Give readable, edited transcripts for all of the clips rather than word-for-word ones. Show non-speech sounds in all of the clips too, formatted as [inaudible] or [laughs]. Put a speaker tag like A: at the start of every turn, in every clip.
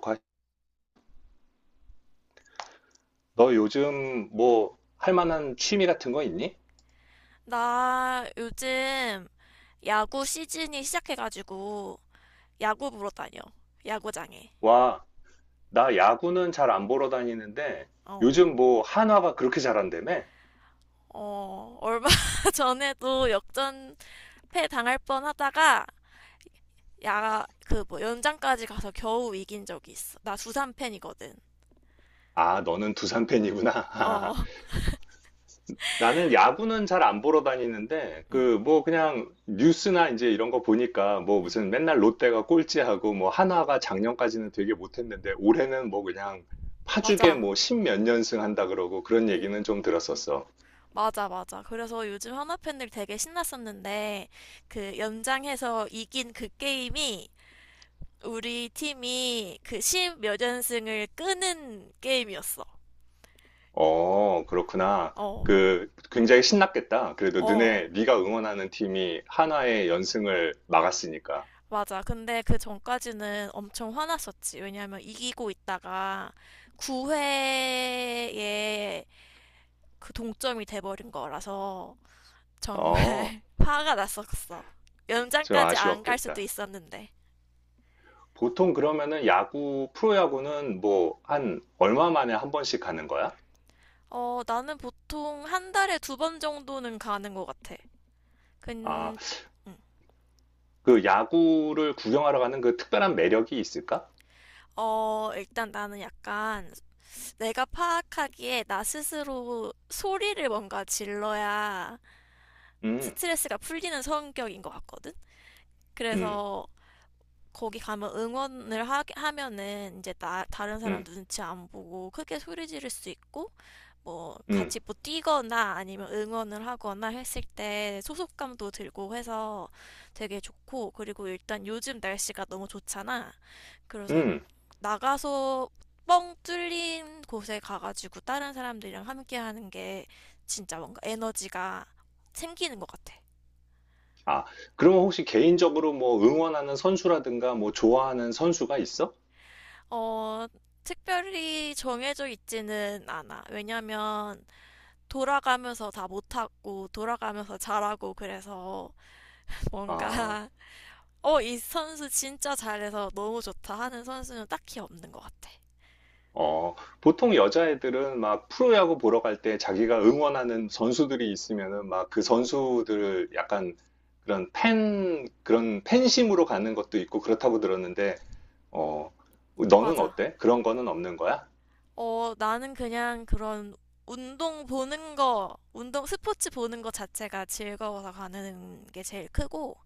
A: 과- 너 요즘 뭐 할 만한 취미 같은 거 있니?
B: 나 요즘 야구 시즌이 시작해가지고 야구 보러 다녀. 야구장에.
A: 와, 나 야구는 잘 안 보러 다니는데
B: 어.
A: 요즘 뭐 한화가 그렇게 잘한다며?
B: 어, 얼마 [laughs] 전에도 역전패 당할 뻔 하다가 야, 그 뭐 연장까지 가서 겨우 이긴 적이 있어. 나 두산 팬이거든.
A: 아, 너는 두산 팬이구나.
B: 어.
A: [laughs] 나는 야구는 잘 안 보러 다니는데
B: 응.
A: 그 뭐 그냥 뉴스나 이제 이런 거 보니까 뭐
B: 응.
A: 무슨 맨날 롯데가 꼴찌하고 뭐 한화가 작년까지는 되게 못했는데 올해는 뭐 그냥 파죽에
B: 맞아.
A: 뭐 십몇 연승 한다 그러고 그런
B: 어.
A: 얘기는 좀 들었었어.
B: 맞아, 맞아. 그래서 요즘 한화 팬들 되게 신났었는데 그 연장해서 이긴 그 게임이 우리 팀이 그 십몇 연승을 끄는 게임이었어.
A: 어, 그렇구나.
B: 어,
A: 그 굉장히 신났겠다. 그래도
B: 어,
A: 너네 네가 응원하는 팀이 한화의 연승을 막았으니까.
B: 맞아. 근데 그 전까지는 엄청 화났었지. 왜냐면 이기고 있다가 9회에 그 동점이 돼버린 거라서 정말
A: 어,
B: [laughs] 화가 났었어.
A: 좀
B: 연장까지 안 갈 수도
A: 아쉬웠겠다.
B: 있었는데.
A: 보통 그러면은 야구, 프로야구는 뭐 한 얼마 만에 한 번씩 가는 거야?
B: 어, 나는 보통 한 달에 2번 정도는 가는 것 같아.
A: 아,
B: 근, 음.
A: 그 야구를 구경하러 가는 그 특별한 매력이 있을까?
B: 어, 일단 나는 약간 내가 파악하기에 나 스스로 소리를 뭔가 질러야
A: 음,
B: 스트레스가 풀리는 성격인 것 같거든?
A: 음,
B: 그래서 거기 가면 응원을 하면은 이제 다른 사람
A: 음,
B: 눈치 안 보고 크게 소리 지를 수 있고 뭐
A: 음,
B: 같이 뭐 뛰거나 아니면 응원을 하거나 했을 때 소속감도 들고 해서 되게 좋고, 그리고 일단 요즘 날씨가 너무 좋잖아. 그래서
A: 음.
B: 나가서 뻥 뚫린 곳에 가가지고 다른 사람들이랑 함께 하는 게 진짜 뭔가 에너지가 생기는 것 같아.
A: 아, 그러면 혹시 개인적으로 뭐 응원하는 선수라든가 뭐 좋아하는 선수가 있어?
B: 어, 특별히 정해져 있지는 않아. 왜냐면 돌아가면서 다 못하고 돌아가면서 잘하고 그래서 뭔가
A: 아.
B: [laughs] 어, 이 선수 진짜 잘해서 너무 좋다 하는 선수는 딱히 없는 것 같아.
A: 어, 보통 여자애들은 막 프로야구 보러 갈 때 자기가 응원하는 선수들이 있으면은 막 그 선수들을 약간 그런 팬, 그런 팬심으로 가는 것도 있고 그렇다고 들었는데, 어, 너는
B: 맞아.
A: 어때? 그런 거는 없는 거야?
B: 어, 나는 그냥 그런 운동 보는 거, 운동 스포츠 보는 거 자체가 즐거워서 가는 게 제일 크고,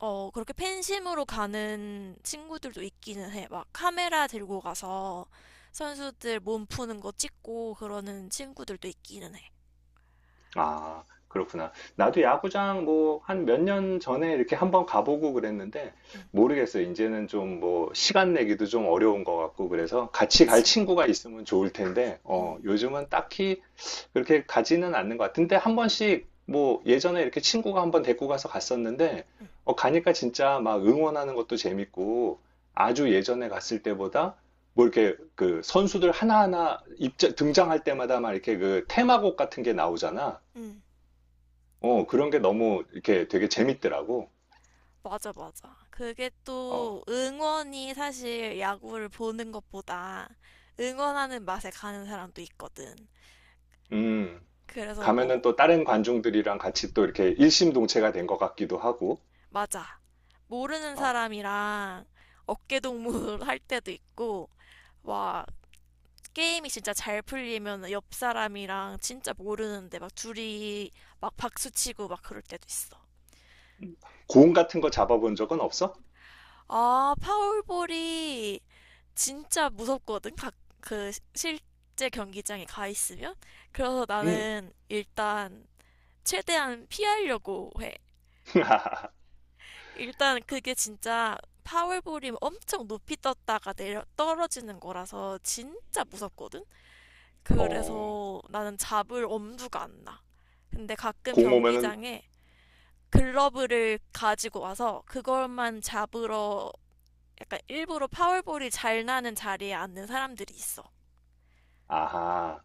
B: 어, 그렇게 팬심으로 가는 친구들도 있기는 해. 막 카메라 들고 가서 선수들 몸 푸는 거 찍고 그러는 친구들도 있기는 해.
A: 아, 그렇구나. 나도 야구장 뭐 한 몇 년 전에 이렇게 한번 가보고 그랬는데
B: 응,
A: 모르겠어요. 이제는 좀 뭐 시간 내기도 좀 어려운 것 같고 그래서 같이 갈
B: 그치.
A: 친구가 있으면 좋을 텐데 어,
B: 응,
A: 요즘은 딱히 그렇게 가지는 않는 것 같은데 한 번씩 뭐 예전에 이렇게 친구가 한번 데리고 가서 갔었는데
B: 응,
A: 어, 가니까 진짜 막 응원하는 것도 재밌고 아주 예전에 갔을 때보다 뭐 이렇게 그 선수들 하나하나 입장 등장할 때마다 막 이렇게 그 테마곡 같은 게 나오잖아.
B: 응.
A: 어, 그런 게 너무 이렇게 되게 재밌더라고.
B: 맞아, 맞아. 그게
A: 어,
B: 또 응원이, 사실 야구를 보는 것보다 응원하는 맛에 가는 사람도 있거든.
A: 음,
B: 그래서
A: 가면은
B: 뭐
A: 또 다른 관중들이랑 같이 또 이렇게 일심동체가 된 것 같기도 하고,
B: 맞아. 모르는
A: 어,
B: 사람이랑 어깨동무 [laughs] 할 때도 있고, 와, 게임이 진짜 잘 풀리면 옆 사람이랑 진짜 모르는데 막 둘이 막 박수치고 막 그럴 때도 있어.
A: 공 같은 거 잡아본 적은 없어?
B: 아, 파울볼이 진짜 무섭거든. 그 시- 실제 경기장에 가 있으면. 그래서
A: 음,
B: 나는 일단 최대한 피하려고 해.
A: [laughs]
B: 일단 그게 진짜 파울볼이 엄청 높이 떴다가 내려 떨어지는 거라서 진짜 무섭거든?
A: 어,
B: 그래서 나는 잡을 엄두가 안 나. 근데 가끔
A: 공 오면은,
B: 경기장에 글러브를 가지고 와서 그걸만 잡으러 약간 일부러 파울볼이 잘 나는 자리에 앉는 사람들이 있어.
A: 아하,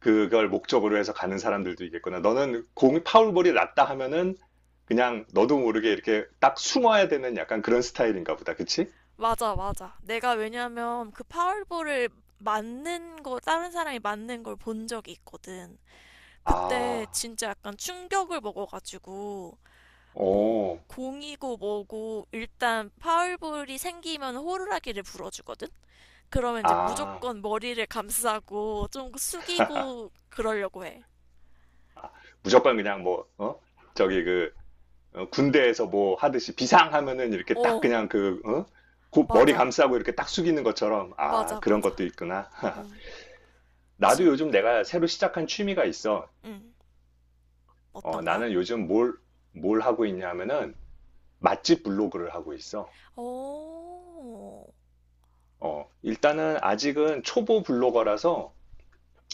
A: 그걸 목적으로 해서 가는 사람들도 있겠구나. 너는 공이 파울볼이 났다 하면은 그냥 너도 모르게 이렇게 딱 숨어야 되는 약간 그런 스타일인가 보다. 그치?
B: 맞아, 맞아. 내가 왜냐면 그 파울볼을 맞는 거, 다른 사람이 맞는 걸 본 적이 있거든. 그때
A: 아,
B: 진짜 약간 충격을 먹어가지고 뭐
A: 오,
B: 공이고 뭐고 일단 파울볼이 생기면 호루라기를 불어주거든? 그러면 이제
A: 아,
B: 무조건 머리를 감싸고 좀 숙이고 그러려고 해.
A: 아, 무조건 그냥 뭐, 어? 저기 그 어, 군대에서 뭐 하듯이 비상하면은 이렇게 딱
B: 어,
A: 그냥 그, 어? 곧 머리
B: 맞아.
A: 감싸고 이렇게 딱 숙이는 것처럼, 아,
B: 맞아,
A: 그런
B: 맞아.
A: 것도 있구나. [laughs]
B: 응,
A: 나도
B: 진,
A: 요즘 내가 새로 시작한 취미가 있어.
B: 응. 어떤
A: 어,
B: 거야?
A: 나는 요즘 뭘 하고 있냐면은 맛집 블로그를 하고 있어.
B: 오,
A: 어, 일단은 아직은 초보 블로거라서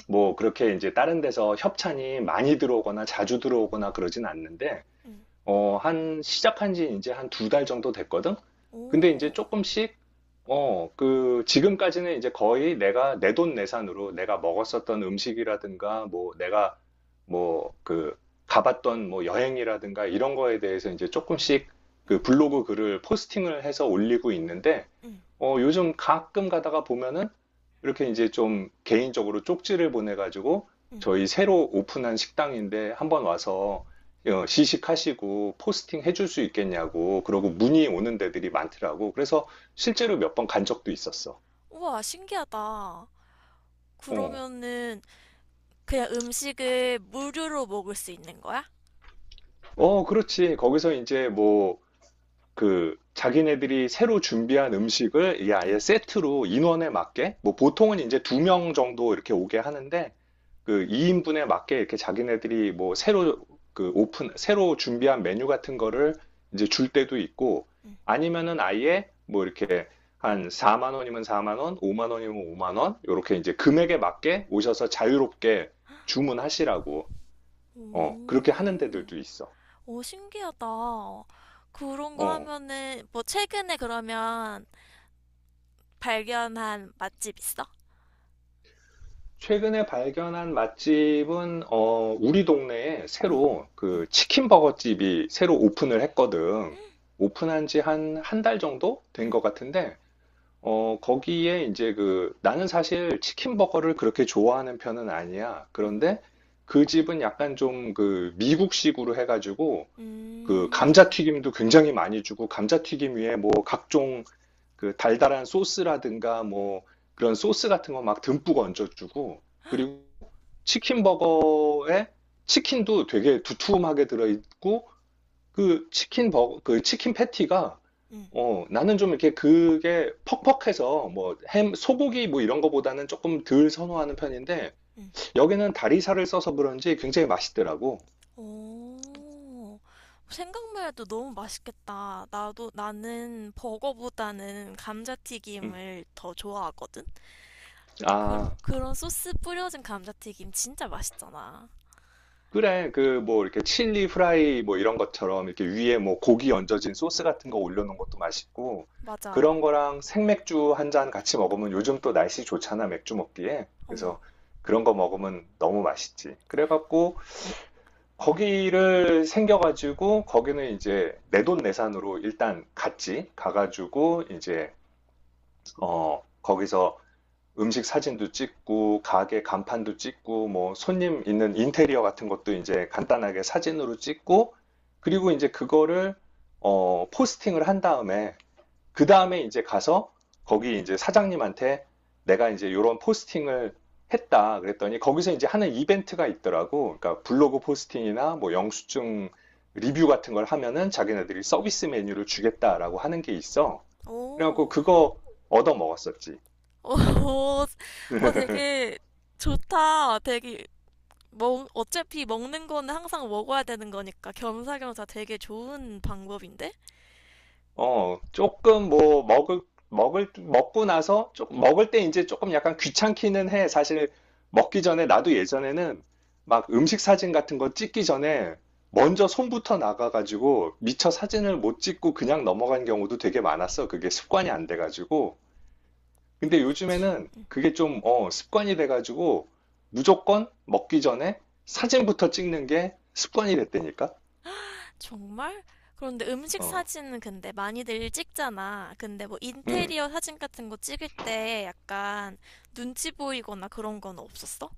A: 뭐 그렇게 이제 다른 데서 협찬이 많이 들어오거나 자주 들어오거나 그러진 않는데
B: 응,
A: 어, 한, 시작한 지 이제 한 두 달 정도 됐거든? 근데 이제
B: 오,
A: 조금씩, 어, 그, 지금까지는 이제 거의 내가 내돈 내산으로 내가 먹었었던 음식이라든가, 뭐, 내가, 뭐, 그, 가봤던 뭐 여행이라든가 이런 거에 대해서 이제 조금씩
B: 응,
A: 그 블로그 글을 포스팅을 해서 올리고 있는데,
B: 응,
A: 어, 요즘 가끔 가다가 보면은 이렇게 이제 좀 개인적으로 쪽지를 보내가지고
B: 응.
A: 저희 새로 오픈한 식당인데 한번 와서 어, 시식하시고 포스팅 해줄 수 있겠냐고 그러고 문의 오는 데들이 많더라고. 그래서 실제로 몇 번 간 적도 있었어.
B: 우와, 신기하다.
A: 어,
B: 그러면은 그냥 음식을 무료로 먹을 수 있는 거야?
A: 어, 그렇지. 거기서 이제 뭐 그 자기네들이 새로 준비한 음식을 이게 아예
B: 응,
A: 세트로 인원에 맞게 뭐 보통은 이제 두 명 정도 이렇게 오게 하는데 그 2인분에 맞게 이렇게 자기네들이 뭐 새로 그 오픈 새로 준비한 메뉴 같은 거를 이제 줄 때도 있고
B: 응.
A: 아니면은 아예 뭐 이렇게 한 4만 원이면 4만 원, 5만 원이면 5만 원 이렇게 이제 금액에 맞게 오셔서 자유롭게 주문하시라고 어 그렇게 하는
B: 오.
A: 데들도 있어.
B: 오, 신기하다. 그런 거
A: 어.
B: 하면은, 뭐, 최근에 그러면 발견한 맛집 있어?
A: 최근에 발견한 맛집은 어, 우리 동네에
B: 응,
A: 새로
B: 응,
A: 그 치킨 버거집이 새로 오픈을
B: 응,
A: 했거든. 오픈한 지 한 한 달 정도 된 것 같은데 어, 거기에 이제 그 나는 사실 치킨 버거를 그렇게 좋아하는 편은 아니야.
B: 응,
A: 그런데 그 집은 약간 좀 그 미국식으로 해가지고 그
B: 음,
A: 감자튀김도 굉장히 많이 주고 감자튀김 위에 뭐 각종 그 달달한 소스라든가 뭐 그런 소스 같은 거 막 듬뿍 얹어주고 그리고 치킨 버거에 치킨도 되게 두툼하게 들어있고 그 치킨 버거 그 치킨 패티가
B: 응,
A: 어 나는 좀 이렇게 그게 퍽퍽해서 뭐 햄 소고기 뭐 이런 거보다는 조금 덜 선호하는 편인데
B: 응.
A: 여기는 다리살을 써서 그런지 굉장히 맛있더라고.
B: 오, 생각만 해도 너무 맛있겠다. 나도, 나는 버거보다는
A: 음.
B: 감자튀김을 더 좋아하거든? 그,
A: 아.
B: 그런 소스 뿌려진 감자튀김 진짜 맛있잖아.
A: 그래, 그, 뭐, 이렇게 칠리 프라이, 뭐, 이런 것처럼, 이렇게 위에 뭐, 고기 얹어진 소스 같은 거 올려놓은 것도 맛있고,
B: 맞아.
A: 그런 거랑 생맥주 한 잔 같이 먹으면 요즘 또 날씨 좋잖아, 맥주 먹기에.
B: 음.
A: 그래서 그런 거 먹으면 너무 맛있지. 그래갖고, 거기를 생겨가지고, 거기는 이제 내돈내산으로 일단 갔지. 가가지고, 이제, 어, 거기서 음식 사진도 찍고, 가게 간판도 찍고, 뭐 손님 있는 인테리어 같은 것도 이제 간단하게 사진으로 찍고, 그리고 이제 그거를 어, 포스팅을 한 다음에, 그 다음에 이제 가서 거기 이제 사장님한테 내가 이제 이런 포스팅을 했다 그랬더니 거기서 이제 하는 이벤트가 있더라고. 그러니까 블로그 포스팅이나 뭐 영수증 리뷰 같은 걸 하면은 자기네들이 서비스 메뉴를 주겠다라고 하는 게 있어. 그래갖고
B: 오.
A: 그거 얻어 먹었었지.
B: 어, 어, 되게 좋다. 되게 먹, 어차피 먹는 거는 항상 먹어야 되는 거니까 겸사겸사 되게 좋은 방법인데?
A: 어, 조금 뭐 먹을 먹고 나서 조, 먹을 때 이제 조금 약간 귀찮기는 해. 사실 먹기 전에 나도 예전에는 막 음식 사진 같은 거 찍기 전에 먼저 손부터 나가가지고 미처 사진을 못 찍고 그냥 넘어간 경우도 되게 많았어. 그게 습관이 안 돼가지고. 근데
B: 그치?
A: 요즘에는
B: 응.
A: 그게 좀 어, 습관이 돼가지고 무조건 먹기 전에 사진부터 찍는 게 습관이 됐다니까.
B: 정말? 그런데 음식
A: 어,
B: 사진은 근데 많이들 찍잖아. 근데 뭐
A: 음.
B: 인테리어 사진 같은 거 찍을 때 약간 눈치 보이거나 그런 건 없었어?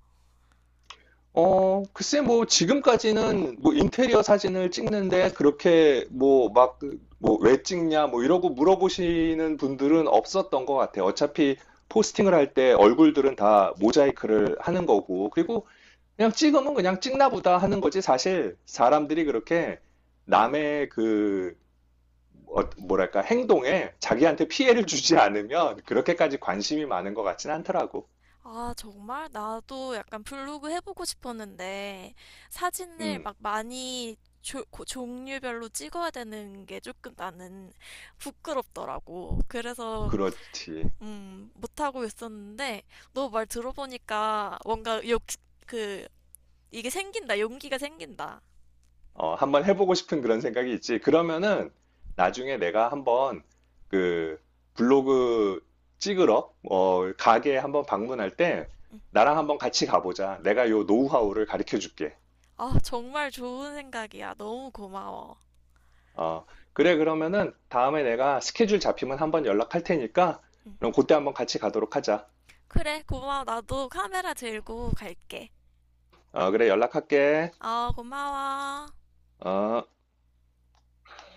A: 어, 글쎄, 뭐, 지금까지는, 뭐, 인테리어 사진을 찍는데, 그렇게, 뭐, 막, 그, 뭐, 왜 찍냐, 뭐, 이러고 물어보시는 분들은 없었던 것 같아요. 어차피, 포스팅을 할 때 얼굴들은 다 모자이크를 하는 거고, 그리고 그냥 찍으면 그냥 찍나 보다 하는 거지. 사실, 사람들이 그렇게
B: 응.
A: 남의 그, 어, 뭐랄까, 행동에 자기한테 피해를 주지 않으면, 그렇게까지 관심이 많은 것 같진 않더라고.
B: 아, 정말? 나도 약간 블로그 해보고 싶었는데, 사진을
A: 음,
B: 막 많이 종류별로 찍어야 되는 게 조금 나는 부끄럽더라고. 그래서,
A: 그렇지.
B: 못하고 있었는데, 너 말 들어보니까 뭔가 그, 이게 생긴다, 용기가 생긴다.
A: 어, 한번 해보고 싶은 그런 생각이 있지. 그러면은 나중에 내가 한번 그 블로그 찍으러 어, 가게 한번 방문할 때
B: 응.
A: 나랑 한번 같이 가보자. 내가 요 노하우를 가르쳐 줄게.
B: 아, 정말 좋은 생각이야. 너무 고마워.
A: 어, 그래 그러면은 다음에 내가 스케줄 잡히면 한번 연락할 테니까
B: 응.
A: 그럼 그때 한번 같이 가도록 하자.
B: 그래, 고마워. 나도 카메라 들고 갈게.
A: 어, 그래 연락할게.
B: 아, 고마워.
A: 어.